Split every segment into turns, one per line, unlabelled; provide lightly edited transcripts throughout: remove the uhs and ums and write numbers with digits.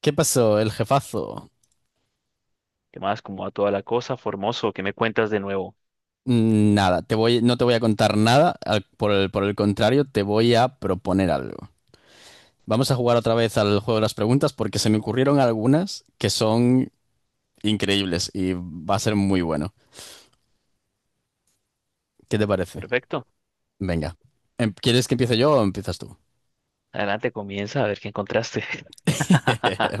¿Qué pasó, el jefazo?
¿Qué más? ¿Cómo va toda la cosa? Formoso, ¿qué me cuentas de nuevo?
Nada, no te voy a contar nada, por el contrario, te voy a proponer algo. Vamos a jugar otra vez al juego de las preguntas porque se me ocurrieron algunas que son increíbles y va a ser muy bueno. ¿Qué te parece?
Perfecto.
Venga. ¿Quieres que empiece yo o empiezas tú?
Adelante, comienza a ver qué encontraste.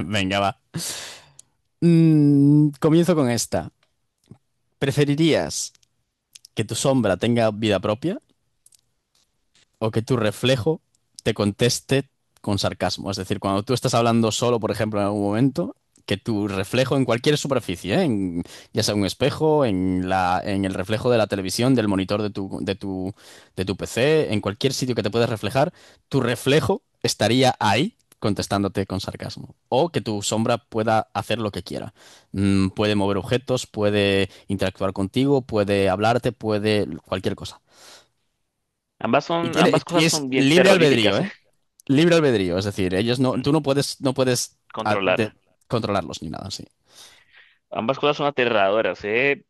Venga, va. Comienzo con esta. ¿Preferirías que tu sombra tenga vida propia o que tu reflejo te conteste con sarcasmo? Es decir, cuando tú estás hablando solo, por ejemplo, en algún momento, que tu reflejo en cualquier superficie, ¿eh? Ya sea un espejo, en el reflejo de la televisión, del monitor de tu PC, en cualquier sitio que te puedas reflejar, tu reflejo estaría ahí contestándote con sarcasmo. O que tu sombra pueda hacer lo que quiera. Puede mover objetos, puede interactuar contigo, puede hablarte, puede cualquier cosa.
Ambas
Y
son,
tiene,
ambas
y
cosas
es
son bien
libre albedrío,
terroríficas, ¿eh?
¿eh? Libre albedrío, es decir, ellos no,
Mm,
tú no puedes, ah, de-
Controlar.
controlarlos ni nada, sí.
Ambas cosas son aterradoras, ¿eh?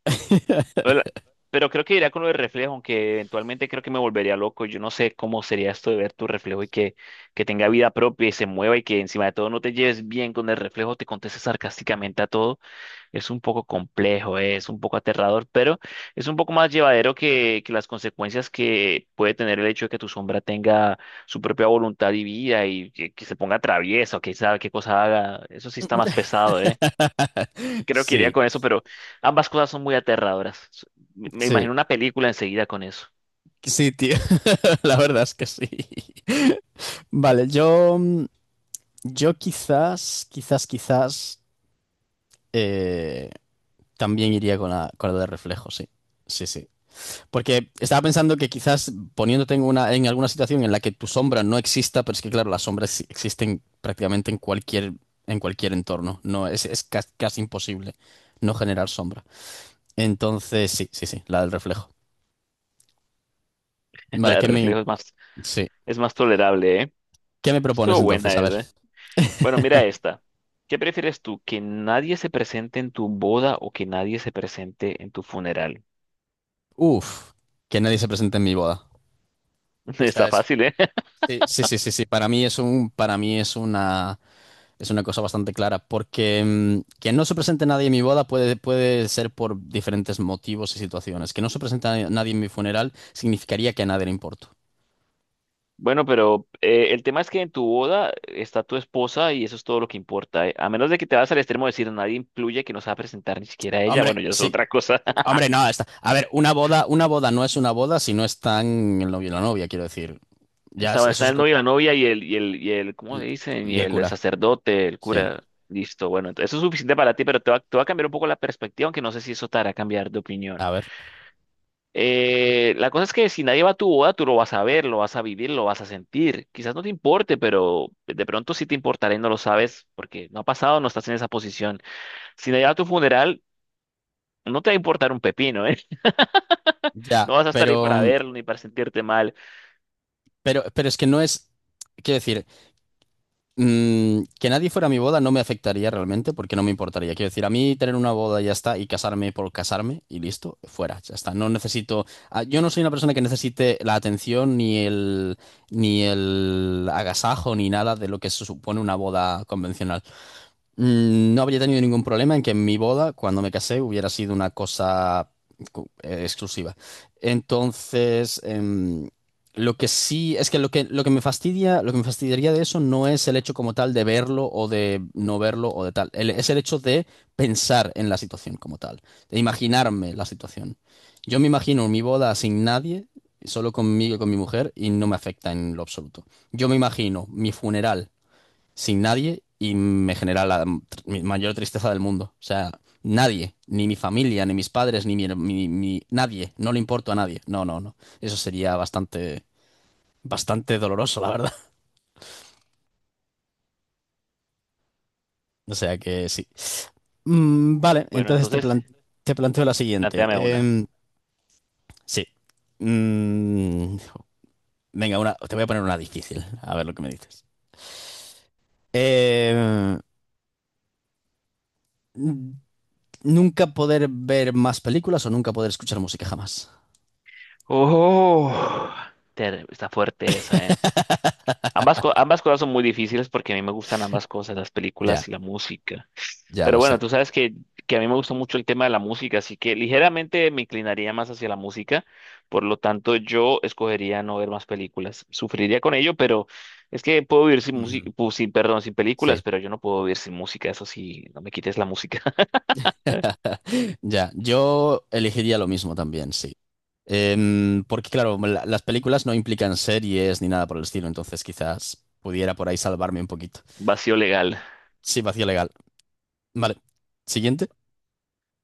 Hola. Pero creo que iría con lo de reflejo, aunque eventualmente creo que me volvería loco. Yo no sé cómo sería esto de ver tu reflejo y que tenga vida propia y se mueva y que encima de todo no te lleves bien con el reflejo, te conteste sarcásticamente a todo. Es un poco complejo, es un poco aterrador, pero es un poco más llevadero que las consecuencias que puede tener el hecho de que tu sombra tenga su propia voluntad y vida y que se ponga travieso, que sabe qué cosa haga. Eso sí está más pesado, ¿eh? Creo que iría
Sí,
con eso, pero ambas cosas son muy aterradoras. Me
sí,
imagino una película enseguida con eso.
sí, tío. La verdad es que sí. Vale, yo, yo quizás eh, también iría con con la de reflejo, sí. Sí, sí. Porque estaba pensando que quizás poniéndote en una, en alguna situación en la que tu sombra no exista, pero es que claro, las sombras sí existen prácticamente en cualquier entorno. No, es, casi imposible no generar sombra. Entonces, sí, sí, sí, la del reflejo.
La
Vale,
de
¿qué me,
reflejo es
sí.
es más tolerable, ¿eh?
¿Qué me propones
Estuvo
entonces?
buena,
A
Ed,
ver.
¿eh? Bueno, mira esta. ¿Qué prefieres tú? ¿Que nadie se presente en tu boda o que nadie se presente en tu funeral?
Uf, que nadie se presente en mi boda. Esta
Está
es.
fácil, ¿eh?
Sí, sí, sí, sí, sí. Para mí es una. Es una cosa bastante clara, porque que no se presente nadie en mi boda puede ser por diferentes motivos y situaciones. Que no se presente a nadie en mi funeral significaría que a nadie le importo.
Bueno, pero el tema es que en tu boda está tu esposa y eso es todo lo que importa, ¿eh? A menos de que te vas al extremo de decir nadie incluye que no se va a presentar ni siquiera ella,
Hombre,
bueno, ya es
sí,
otra cosa.
hombre, no, está. A ver, una boda no es una boda si no están el novio y la novia, quiero decir. Ya,
estaba
eso
está
es.
el novio, la novia y el, ¿cómo
Y,
le dicen?
y
Y
el
el
cura.
sacerdote, el
Sí,
cura. Listo, bueno, entonces eso es suficiente para ti, pero te te va a cambiar un poco la perspectiva, aunque no sé si eso te hará cambiar de opinión.
a ver.
La cosa es que si nadie va a tu boda, tú lo vas a ver, lo vas a vivir, lo vas a sentir. Quizás no te importe, pero de pronto sí te importará y no lo sabes porque no ha pasado, no estás en esa posición. Si nadie va a tu funeral, no te va a importar un pepino, ¿eh?
Ya,
No vas a estar ahí
pero,
para verlo ni para sentirte mal.
pero es que no es. Quiero decir. Que nadie fuera a mi boda no me afectaría realmente porque no me importaría. Quiero decir, a mí tener una boda ya está y casarme por casarme y listo, fuera, ya está. No necesito, yo no soy una persona que necesite la atención ni el ni el agasajo ni nada de lo que se supone una boda convencional. No habría tenido ningún problema en que mi boda, cuando me casé, hubiera sido una cosa exclusiva. Entonces, lo que sí, es que lo que me fastidia, lo que me fastidiaría de eso no es el hecho como tal de verlo o de no verlo o de tal. Es el hecho de pensar en la situación como tal, de imaginarme la situación. Yo me imagino mi boda sin nadie, solo conmigo y con mi mujer, y no me afecta en lo absoluto. Yo me imagino mi funeral sin nadie y me genera mi mayor tristeza del mundo. O sea, nadie, ni mi familia, ni mis padres, ni mi, her- mi- mi- nadie, no le importo a nadie. No, no, no. Eso sería bastante bastante doloroso, la verdad. O sea que sí. Vale,
Bueno, entonces,
te planteo la siguiente.
plantéame una.
Sí. Mm, Venga, una, te voy a poner una difícil, a ver lo que me dices. Em, n- Nunca poder ver más películas o nunca poder escuchar música jamás.
Oh, está fuerte esa, ¿eh? Ambas, ambas cosas son muy difíciles porque a mí me gustan ambas cosas, las
Ya,
películas y la música.
ya
Pero
lo sé.
bueno, tú sabes que a mí me gusta mucho el tema de la música, así que ligeramente me inclinaría más hacia la música. Por lo tanto, yo escogería no ver más películas. Sufriría con ello, pero es que puedo vivir sin
Ujú.
música, sin, perdón, sin películas,
Sí,
pero yo no puedo vivir sin música. Eso sí, no me quites la música.
ya. Yo elegiría lo mismo también, sí. Porque claro, las películas no implican series ni nada por el estilo, entonces quizás pudiera por ahí salvarme un poquito.
Vacío legal.
Sí, vacío legal. Vale. Siguiente.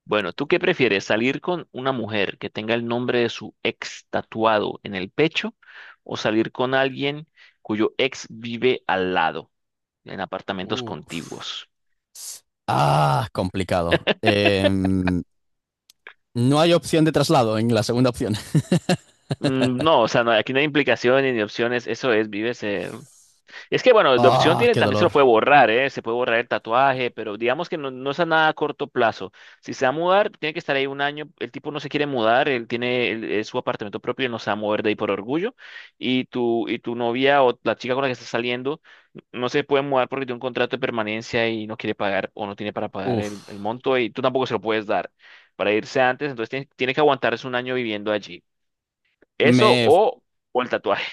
Bueno, ¿tú qué prefieres? ¿Salir con una mujer que tenga el nombre de su ex tatuado en el pecho o salir con alguien cuyo ex vive al lado, en apartamentos
Uf.
contiguos?
Ah, complicado. No hay opción de traslado en la segunda opción.
No, o sea, no, aquí no hay implicaciones ni opciones, eso es, vives. Es que bueno, la opción
Ah,
tiene,
qué
también se lo
dolor.
puede borrar, ¿eh? Se puede borrar el tatuaje, pero digamos que no es a nada a corto plazo. Si se va a mudar, tiene que estar ahí un año. El tipo no se quiere mudar, él tiene es su apartamento propio y no se va a mover de ahí por orgullo. Y tu novia o la chica con la que estás saliendo no se puede mudar porque tiene un contrato de permanencia y no quiere pagar o no tiene para pagar
Uf.
el monto y tú tampoco se lo puedes dar para irse antes, entonces tiene que aguantarse un año viviendo allí. Eso
Me,
o el tatuaje.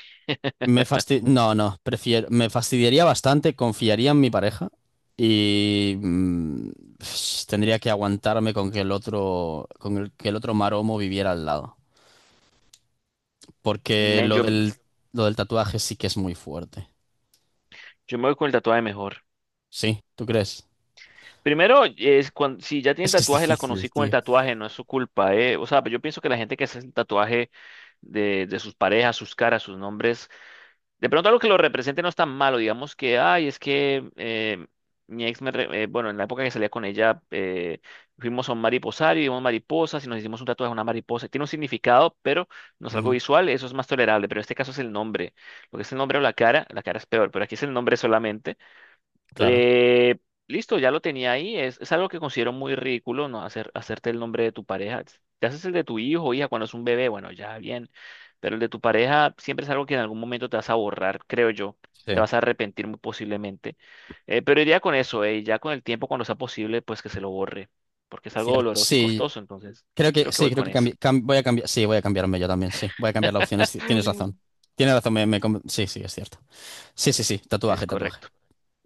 No, no. Prefiero. Me fastidiaría bastante. Confiaría en mi pareja. Y tendría que aguantarme con que el otro. Que el otro maromo viviera al lado. Porque
Men,
lo del tatuaje sí que es muy fuerte.
yo me voy con el tatuaje mejor.
Sí, ¿tú crees?
Primero, es cuando, si ya tiene el
Es que es
tatuaje, la conocí
difícil,
con el
tío.
tatuaje, no es su culpa, ¿eh? O sea, yo pienso que la gente que hace el tatuaje de sus parejas, sus caras, sus nombres, de pronto algo que lo represente no es tan malo, digamos que, ay, es que mi ex, bueno, en la época que salía con ella, fuimos a un mariposario, y vimos mariposas y nos hicimos un tatuaje de una mariposa. Tiene un significado, pero no es algo
Ujú.
visual, eso es más tolerable, pero en este caso es el nombre. Lo que es el nombre o la cara es peor, pero aquí es el nombre solamente.
Claro,
Eh, listo, ya lo tenía ahí. Es algo que considero muy ridículo, ¿no? Hacer, hacerte el nombre de tu pareja. Te haces el de tu hijo o hija cuando es un bebé, bueno, ya bien. Pero el de tu pareja siempre es algo que en algún momento te vas a borrar, creo yo. Te
sí.
vas a arrepentir muy posiblemente. Pero iría con eso, y ya con el tiempo, cuando sea posible, pues que se lo borre. Porque es algo
Cierto.
doloroso y costoso, entonces creo que
Sí,
voy
creo
con
que
eso.
cambi- cam- voy a cambiar. Sí, voy a cambiarme yo también, sí. Voy a cambiar la opción. Tienes razón. Tienes razón, sí, sí, es cierto. Sí, sí, sí,
Es
tatuaje, tatuaje.
correcto.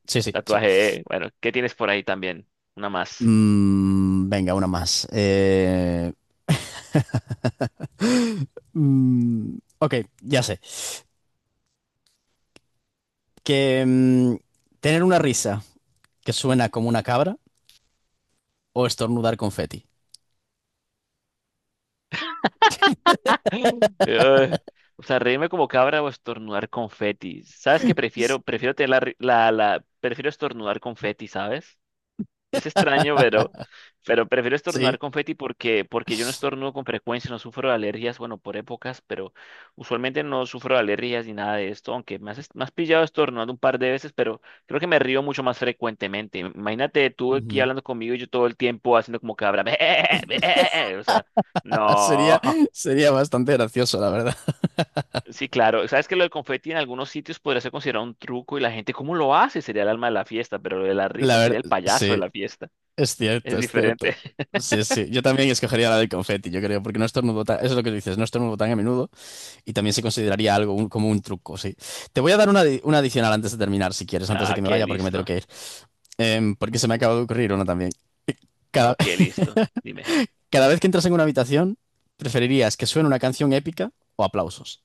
Sí, sí, sí.
Tatuaje, bueno, ¿qué tienes por ahí también? Una más.
Venga, una más. Ok, ya sé. Que tener una risa que suena como una cabra o estornudar confeti.
Ugh. O sea, reírme como cabra o estornudar confeti. ¿Sabes qué prefiero? Prefiero tener la, ri- la- prefiero estornudar confeti, ¿sabes? Es extraño, pero prefiero
Sí.
estornudar confeti porque yo no estornudo con frecuencia, no sufro de alergias, bueno, por épocas, pero usualmente no sufro de alergias ni nada de esto, aunque me me has pillado estornudando un par de veces, pero creo que me río mucho más frecuentemente. Imagínate tú aquí
Ujú.
hablando conmigo y yo todo el tiempo haciendo como cabra. O sea,
Sería,
no.
sería bastante gracioso, la verdad.
Sí, claro. Sabes que lo del confeti en algunos sitios podría ser considerado un truco y la gente, ¿cómo lo hace? Sería el alma de la fiesta, pero lo de la
La
risa sería
verdad,
el payaso de
sí.
la fiesta.
Es cierto,
Es
es
diferente.
cierto. Sí, sí. Yo también escogería la del confeti, yo creo, porque no estornudo tan... Eso es lo que dices, no estornudo tan a menudo y también se consideraría algo como un truco, sí. Te voy a dar una adicional antes de terminar, si quieres, antes de
Ah,
que me
qué
vaya, porque me tengo
listo.
que ir. Porque se me acaba de ocurrir una también. Cada,
Ok, listo. Dime.
cada vez que entras en una habitación, ¿preferirías que suene una canción épica o aplausos?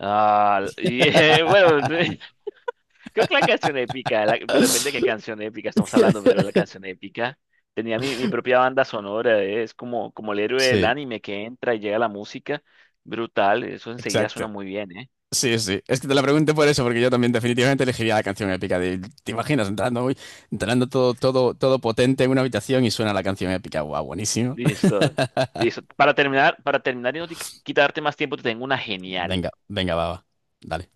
Ah, bueno, creo que la canción épica, pero depende de qué canción épica estamos hablando, pero la canción épica tenía mi propia banda sonora, es como el héroe del
Sí,
anime que entra y llega la música, brutal, eso enseguida
exacto.
suena muy bien, ¿eh?
Sí, sí. Es que te la pregunté por eso, porque yo también definitivamente elegiría la canción épica. ¿Te imaginas entrando, uy, entrando todo potente en una habitación y suena la canción épica? Guau, buenísimo.
Listo. Listo. Para terminar y no quitarte más tiempo, te tengo una genial.
Venga, venga, va, va. Dale.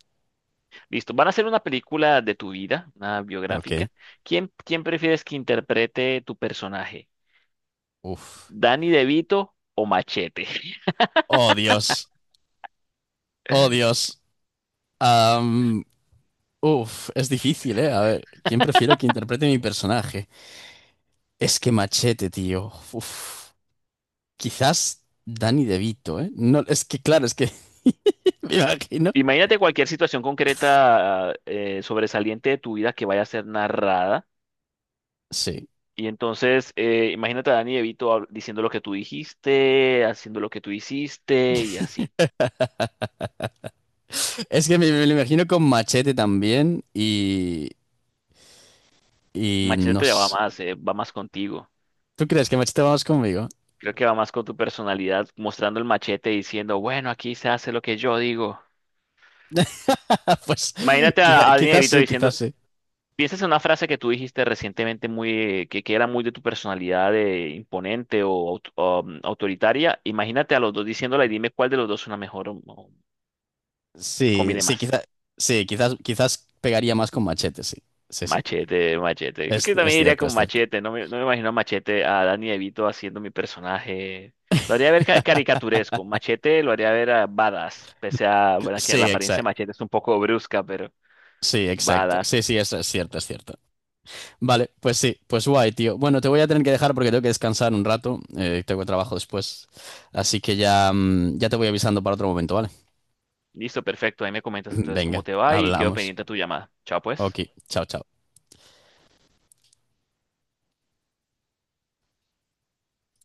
Listo. Van a hacer una película de tu vida, una
Ok.
biográfica. Quién prefieres que interprete tu personaje?
Uf.
¿Danny DeVito o Machete?
Oh, Dios. Oh, Dios. Am, uf, es difícil, ¿eh? A ver, ¿quién prefiero que interprete mi personaje? Es que Machete, tío. Uf. Quizás Danny DeVito, ¿eh? No, es que claro, es que me imagino.
Imagínate cualquier situación concreta sobresaliente de tu vida que vaya a ser narrada.
Sí.
Y entonces, imagínate a Danny DeVito diciendo lo que tú dijiste, haciendo lo que tú hiciste y así.
Es que me lo imagino con Machete también y
Machete
no
te
sé.
va más contigo.
¿Tú crees que Machete vamos conmigo?
Creo que va más con tu personalidad, mostrando el machete y diciendo, bueno, aquí se hace lo que yo digo.
Pues
Imagínate a
quizás
Dinerito
sí, quizás
diciendo,
sí.
piensas en una frase que tú dijiste recientemente muy, que era muy de tu personalidad de imponente o, aut- o, mm, autoritaria. Imagínate a los dos diciéndola y dime cuál de los dos suena mejor o
Sí,
combine
sí,
más.
quizá, sí, quizás, quizás pegaría más con Machete, sí. Sí, sí.
Machete, machete. Creo que
Es
también iría
cierto,
con
es cierto.
machete. No no me imagino a machete a Danny DeVito haciendo mi personaje. Lo haría ver caricaturesco. Machete lo haría ver a badass. Pese a, bueno, que la
Sí,
apariencia de
exacto.
machete es un poco brusca, pero
Sí, exacto.
badass.
Sí, sí, eso es cierto, es cierto. Vale, pues sí, pues guay, tío. Bueno, te voy a tener que dejar porque tengo que descansar un rato. Tengo trabajo después. Así que ya, ya te voy avisando para otro momento, ¿vale?
Listo, perfecto. Ahí me comentas entonces cómo
Venga,
te va y quedo
hablamos.
pendiente de tu llamada. Chao,
Ok,
pues.
chao, chao.